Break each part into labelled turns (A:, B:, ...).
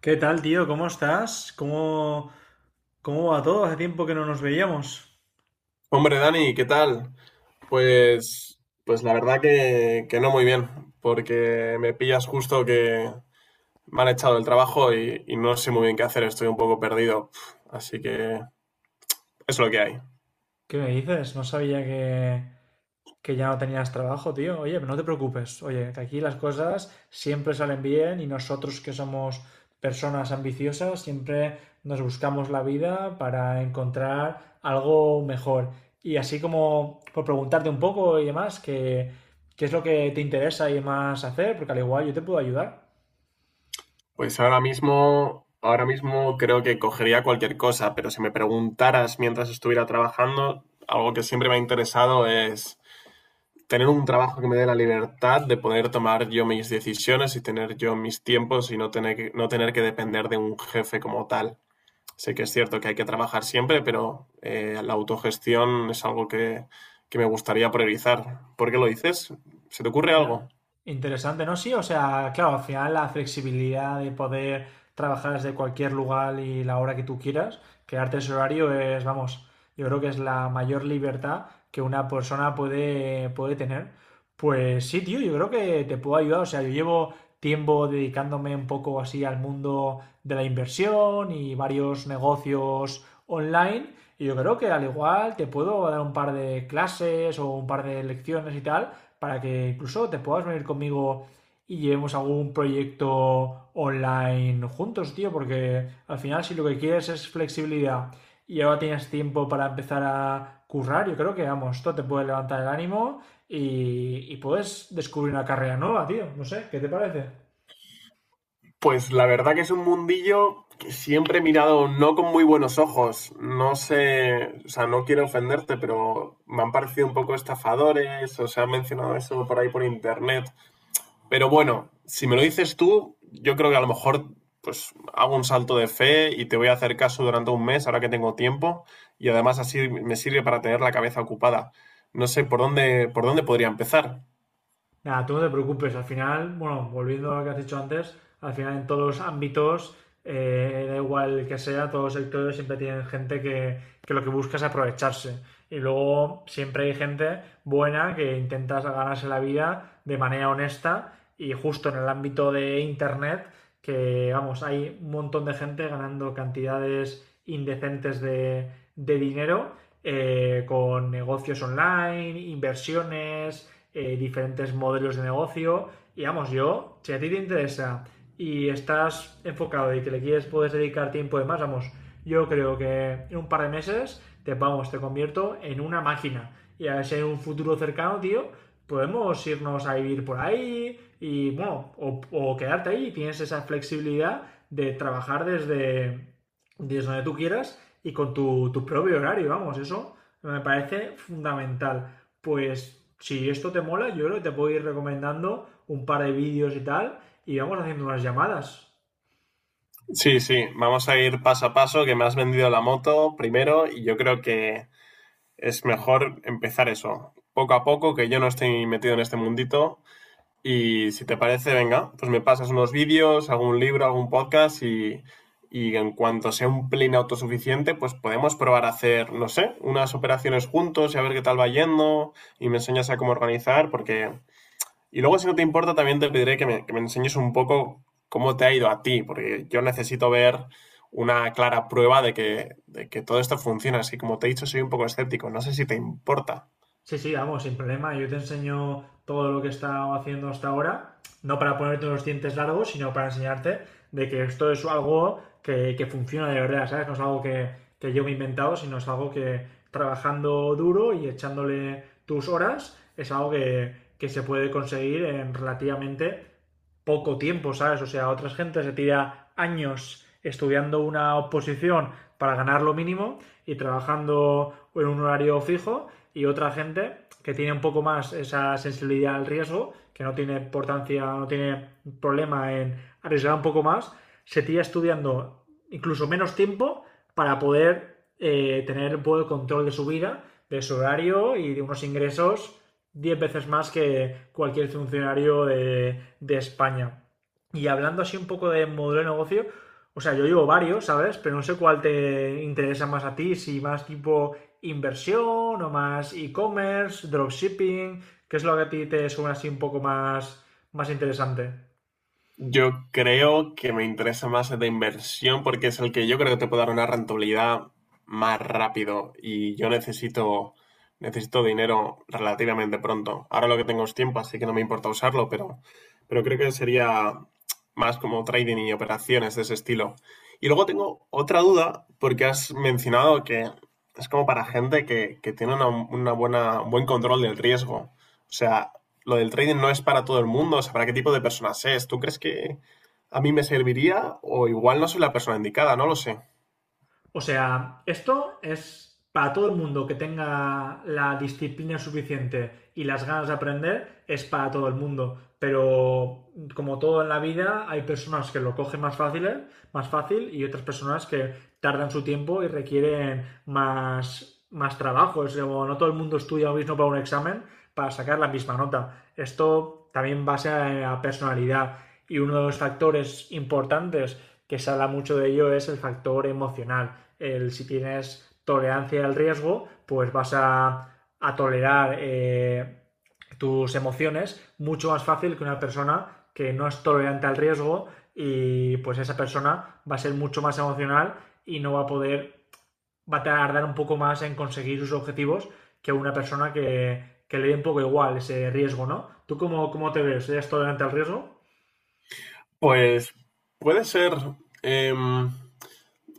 A: ¿Qué tal, tío? ¿Cómo estás? ¿Cómo va todo? Hace tiempo que no nos veíamos.
B: Hombre, Dani, ¿qué tal? Pues, pues, la verdad que no muy bien, porque me pillas justo que me han echado del trabajo y no sé muy bien qué hacer, estoy un poco perdido. Así que eso es lo que hay.
A: ¿Qué me dices? No sabía que ya no tenías trabajo, tío. Oye, pero no te preocupes. Oye, que aquí las cosas siempre salen bien y nosotros que somos personas ambiciosas siempre nos buscamos la vida para encontrar algo mejor. Y así como por preguntarte un poco y demás, que, ¿qué es lo que te interesa y demás hacer? Porque al igual yo te puedo ayudar.
B: Pues ahora mismo creo que cogería cualquier cosa, pero si me preguntaras mientras estuviera trabajando, algo que siempre me ha interesado es tener un trabajo que me dé la libertad de poder tomar yo mis decisiones y tener yo mis tiempos y no tener que depender de un jefe como tal. Sé que es cierto que hay que trabajar siempre, pero la autogestión es algo que me gustaría priorizar. ¿Por qué lo dices? ¿Se te ocurre
A: Ya,
B: algo?
A: interesante, ¿no? Sí, o sea, claro, al final la flexibilidad de poder trabajar desde cualquier lugar y la hora que tú quieras, crearte ese horario es, vamos, yo creo que es la mayor libertad que una persona puede tener. Pues sí, tío, yo creo que te puedo ayudar, o sea, yo llevo tiempo dedicándome un poco así al mundo de la inversión y varios negocios online. Y yo creo que al igual te puedo dar un par de clases o un par de lecciones y tal para que incluso te puedas venir conmigo y llevemos algún proyecto online juntos, tío, porque al final si lo que quieres es flexibilidad y ahora tienes tiempo para empezar a currar, yo creo que, vamos, esto te puede levantar el ánimo y puedes descubrir una carrera nueva, tío. No sé, ¿qué te parece?
B: Pues la verdad que es un mundillo que siempre he mirado no con muy buenos ojos. No sé, o sea, no quiero ofenderte, pero me han parecido un poco estafadores, o se han mencionado eso por ahí por internet. Pero bueno, si me lo dices tú, yo creo que a lo mejor pues hago un salto de fe y te voy a hacer caso durante un mes, ahora que tengo tiempo, y además así me sirve para tener la cabeza ocupada. No sé por dónde podría empezar.
A: Nada, tú no te preocupes, al final, bueno, volviendo a lo que has dicho antes, al final en todos los ámbitos, da igual que sea, todos los sectores siempre tienen gente que lo que busca es aprovecharse. Y luego siempre hay gente buena que intenta ganarse la vida de manera honesta y justo en el ámbito de Internet, que vamos, hay un montón de gente ganando cantidades indecentes de dinero con negocios online, inversiones, diferentes modelos de negocio. Y vamos, yo, si a ti te interesa y estás enfocado y que le quieres, puedes dedicar tiempo de más, vamos, yo creo que en un par de meses te vamos, te convierto en una máquina. Y a ver si en un futuro cercano, tío, podemos irnos a vivir por ahí y, bueno, o quedarte ahí y tienes esa flexibilidad de trabajar desde donde tú quieras y con tu propio horario, vamos, eso me parece fundamental. Pues si esto te mola, yo creo que te puedo ir recomendando un par de vídeos y tal, y vamos haciendo unas llamadas.
B: Sí, sí, vamos a ir paso a paso, que me has vendido la moto primero y yo creo que es mejor empezar eso, poco a poco, que yo no estoy metido en este mundito. Y si te parece, venga, pues me pasas unos vídeos, algún libro, algún podcast y en cuanto sea un plane autosuficiente, pues podemos probar a hacer, no sé, unas operaciones juntos y a ver qué tal va yendo y me enseñas a cómo organizar, porque... Y luego, si no te importa, también te pediré que me enseñes un poco cómo te ha ido a ti, porque yo necesito ver una clara prueba de que todo esto funciona. Así como te he dicho, soy un poco escéptico. No sé si te importa.
A: Sí, sí, vamos, sin problema. Yo te enseño todo lo que he estado haciendo hasta ahora, no para ponerte unos dientes largos, sino para enseñarte de que esto es algo que funciona de verdad, ¿sabes? No es algo que yo me he inventado, sino es algo que trabajando duro y echándole tus horas, es algo que se puede conseguir en relativamente poco tiempo, ¿sabes? O sea, otras gente se tira años estudiando una oposición para ganar lo mínimo y trabajando en un horario fijo y otra gente que tiene un poco más esa sensibilidad al riesgo, que no tiene importancia, no tiene problema en arriesgar un poco más, se tira estudiando incluso menos tiempo para poder tener un poco el control de su vida, de su horario y de unos ingresos 10 veces más que cualquier funcionario de España. Y hablando así un poco de modelo de negocio, o sea, yo digo varios, ¿sabes? Pero no sé cuál te interesa más a ti, si más tipo inversión o más e-commerce, ¿dropshipping? ¿Qué es lo que a ti te suena así un poco más interesante?
B: Yo creo que me interesa más el de inversión porque es el que yo creo que te puede dar una rentabilidad más rápido y necesito dinero relativamente pronto. Ahora lo que tengo es tiempo, así que no me importa usarlo, pero creo que sería más como trading y operaciones de ese estilo. Y luego tengo otra duda porque has mencionado que es como para gente que tiene un buen control del riesgo. O sea, lo del trading no es para todo el mundo, o sea, para qué tipo de personas es. ¿Tú crees que a mí me serviría o igual no soy la persona indicada? No lo sé.
A: O sea, esto es para todo el mundo que tenga la disciplina suficiente y las ganas de aprender, es para todo el mundo. Pero como todo en la vida, hay personas que lo cogen más fácil y otras personas que tardan su tiempo y requieren más trabajo. Es como no todo el mundo estudia lo mismo para un examen para sacar la misma nota. Esto también va a ser a personalidad y uno de los factores importantes que se habla mucho de ello es el factor emocional. El, si tienes tolerancia al riesgo, pues vas a tolerar tus emociones mucho más fácil que una persona que no es tolerante al riesgo y pues esa persona va a ser mucho más emocional y no va a poder, va a tardar un poco más en conseguir sus objetivos que una persona que le dé un poco igual ese riesgo, ¿no? ¿Tú cómo te ves? ¿Eres tolerante al riesgo?
B: Pues puede ser... em,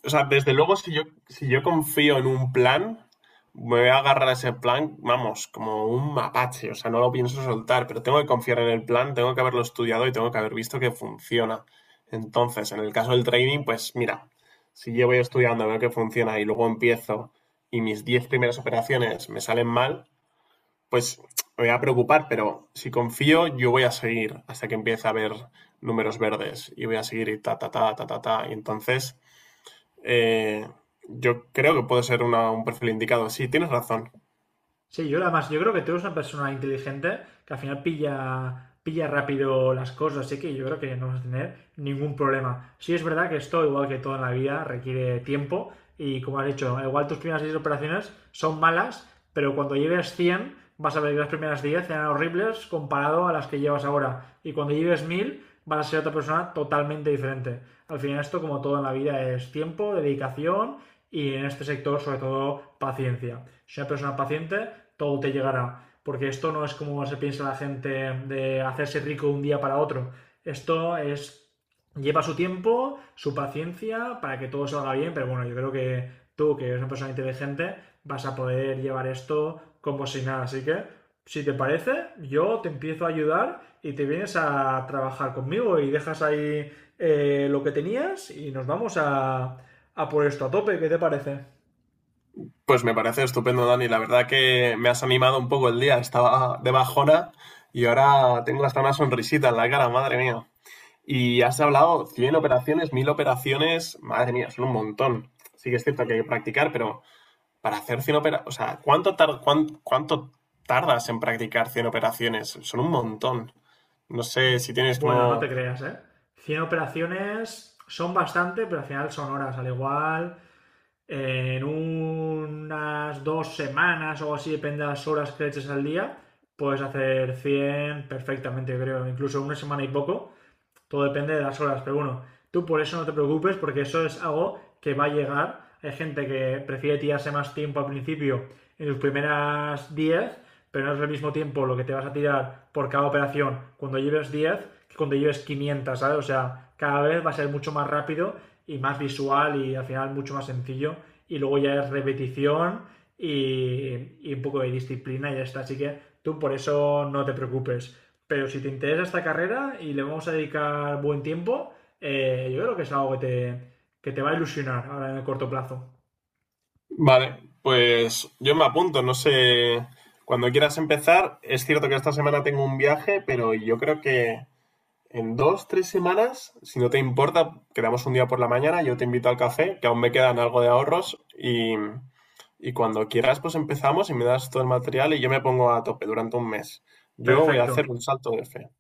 B: o sea, desde luego, si yo confío en un plan, me voy a agarrar a ese plan, vamos, como un mapache, o sea, no lo pienso soltar, pero tengo que confiar en el plan, tengo que haberlo estudiado y tengo que haber visto que funciona. Entonces, en el caso del trading, pues mira, si yo voy estudiando, veo que funciona y luego empiezo y mis 10 primeras operaciones me salen mal, pues me voy a preocupar, pero si confío, yo voy a seguir hasta que empiece a ver números verdes y voy a seguir y ta, ta, ta, ta, ta, ta. Y entonces eh, yo creo que puede ser un perfil indicado. Sí, tienes razón.
A: Sí, yo además, yo creo que tú eres una persona inteligente que al final pilla rápido las cosas, así que yo creo que no vas a tener ningún problema. Sí es verdad que esto, igual que todo en la vida, requiere tiempo y como has dicho, igual tus primeras 10 operaciones son malas, pero cuando lleves 100 vas a ver que las primeras 10 eran horribles comparado a las que llevas ahora y cuando lleves 1000 vas a ser otra persona totalmente diferente. Al final esto, como todo en la vida, es tiempo, dedicación y en este sector, sobre todo, paciencia. Si una persona paciente, todo te llegará, porque esto no es como se piensa la gente de hacerse rico un día para otro. Esto es lleva su tiempo, su paciencia para que todo salga bien, pero bueno, yo creo que tú, que eres una persona inteligente, vas a poder llevar esto como si nada. Así que, si te parece, yo te empiezo a ayudar y te vienes a trabajar conmigo y dejas ahí lo que tenías y nos vamos a por esto a tope. ¿Qué te parece?
B: Pues me parece estupendo, Dani. La verdad que me has animado un poco el día. Estaba de bajona y ahora tengo hasta una sonrisita en la cara, madre mía. Y has hablado 100 operaciones, 1000 operaciones. Madre mía, son un montón. Sí que es cierto que hay que practicar, pero para hacer 100 operaciones... O sea, ¿ cuánto tardas en practicar 100 operaciones? Son un montón. No sé si tienes
A: Bueno, no te
B: como...
A: creas, ¿eh? 100 operaciones son bastante, pero al final son horas. Al igual, en unas 2 semanas o así, depende de las horas que eches al día, puedes hacer 100 perfectamente, creo. Incluso una semana y poco todo depende de las horas, pero bueno, tú por eso no te preocupes porque eso es algo que va a llegar. Hay gente que prefiere tirarse más tiempo al principio en sus primeras 10, pero no es el mismo tiempo lo que te vas a tirar por cada operación cuando lleves 10, que cuando lleves 500, ¿sabes? O sea, cada vez va a ser mucho más rápido y más visual y al final mucho más sencillo. Y luego ya es repetición y un poco de disciplina y ya está. Así que tú por eso no te preocupes. Pero si te interesa esta carrera y le vamos a dedicar buen tiempo, yo creo que es algo que que te va a ilusionar ahora en el corto plazo.
B: Vale, pues yo me apunto, no sé, cuando quieras empezar, es cierto que esta semana tengo un viaje, pero yo creo que en 2, 3 semanas, si no te importa, quedamos un día por la mañana, yo te invito al café, que aún me quedan algo de ahorros y cuando quieras pues empezamos y me das todo el material y yo me pongo a tope durante un mes. Yo voy a hacer
A: Perfecto,
B: un salto de fe.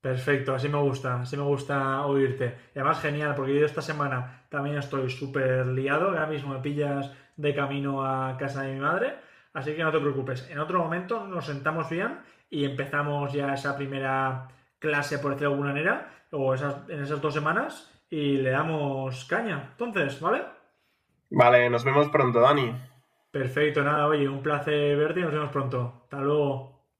A: perfecto, así me gusta oírte. Y además genial, porque yo esta semana también estoy súper liado, ahora mismo me pillas de camino a casa de mi madre, así que no te preocupes, en otro momento nos sentamos bien y empezamos ya esa primera clase, por decirlo de alguna manera, o esas, en esas 2 semanas y le damos caña. Entonces, ¿vale?
B: Vale, nos vemos pronto, Dani.
A: Perfecto, nada, oye, un placer verte y nos vemos pronto. Hasta luego.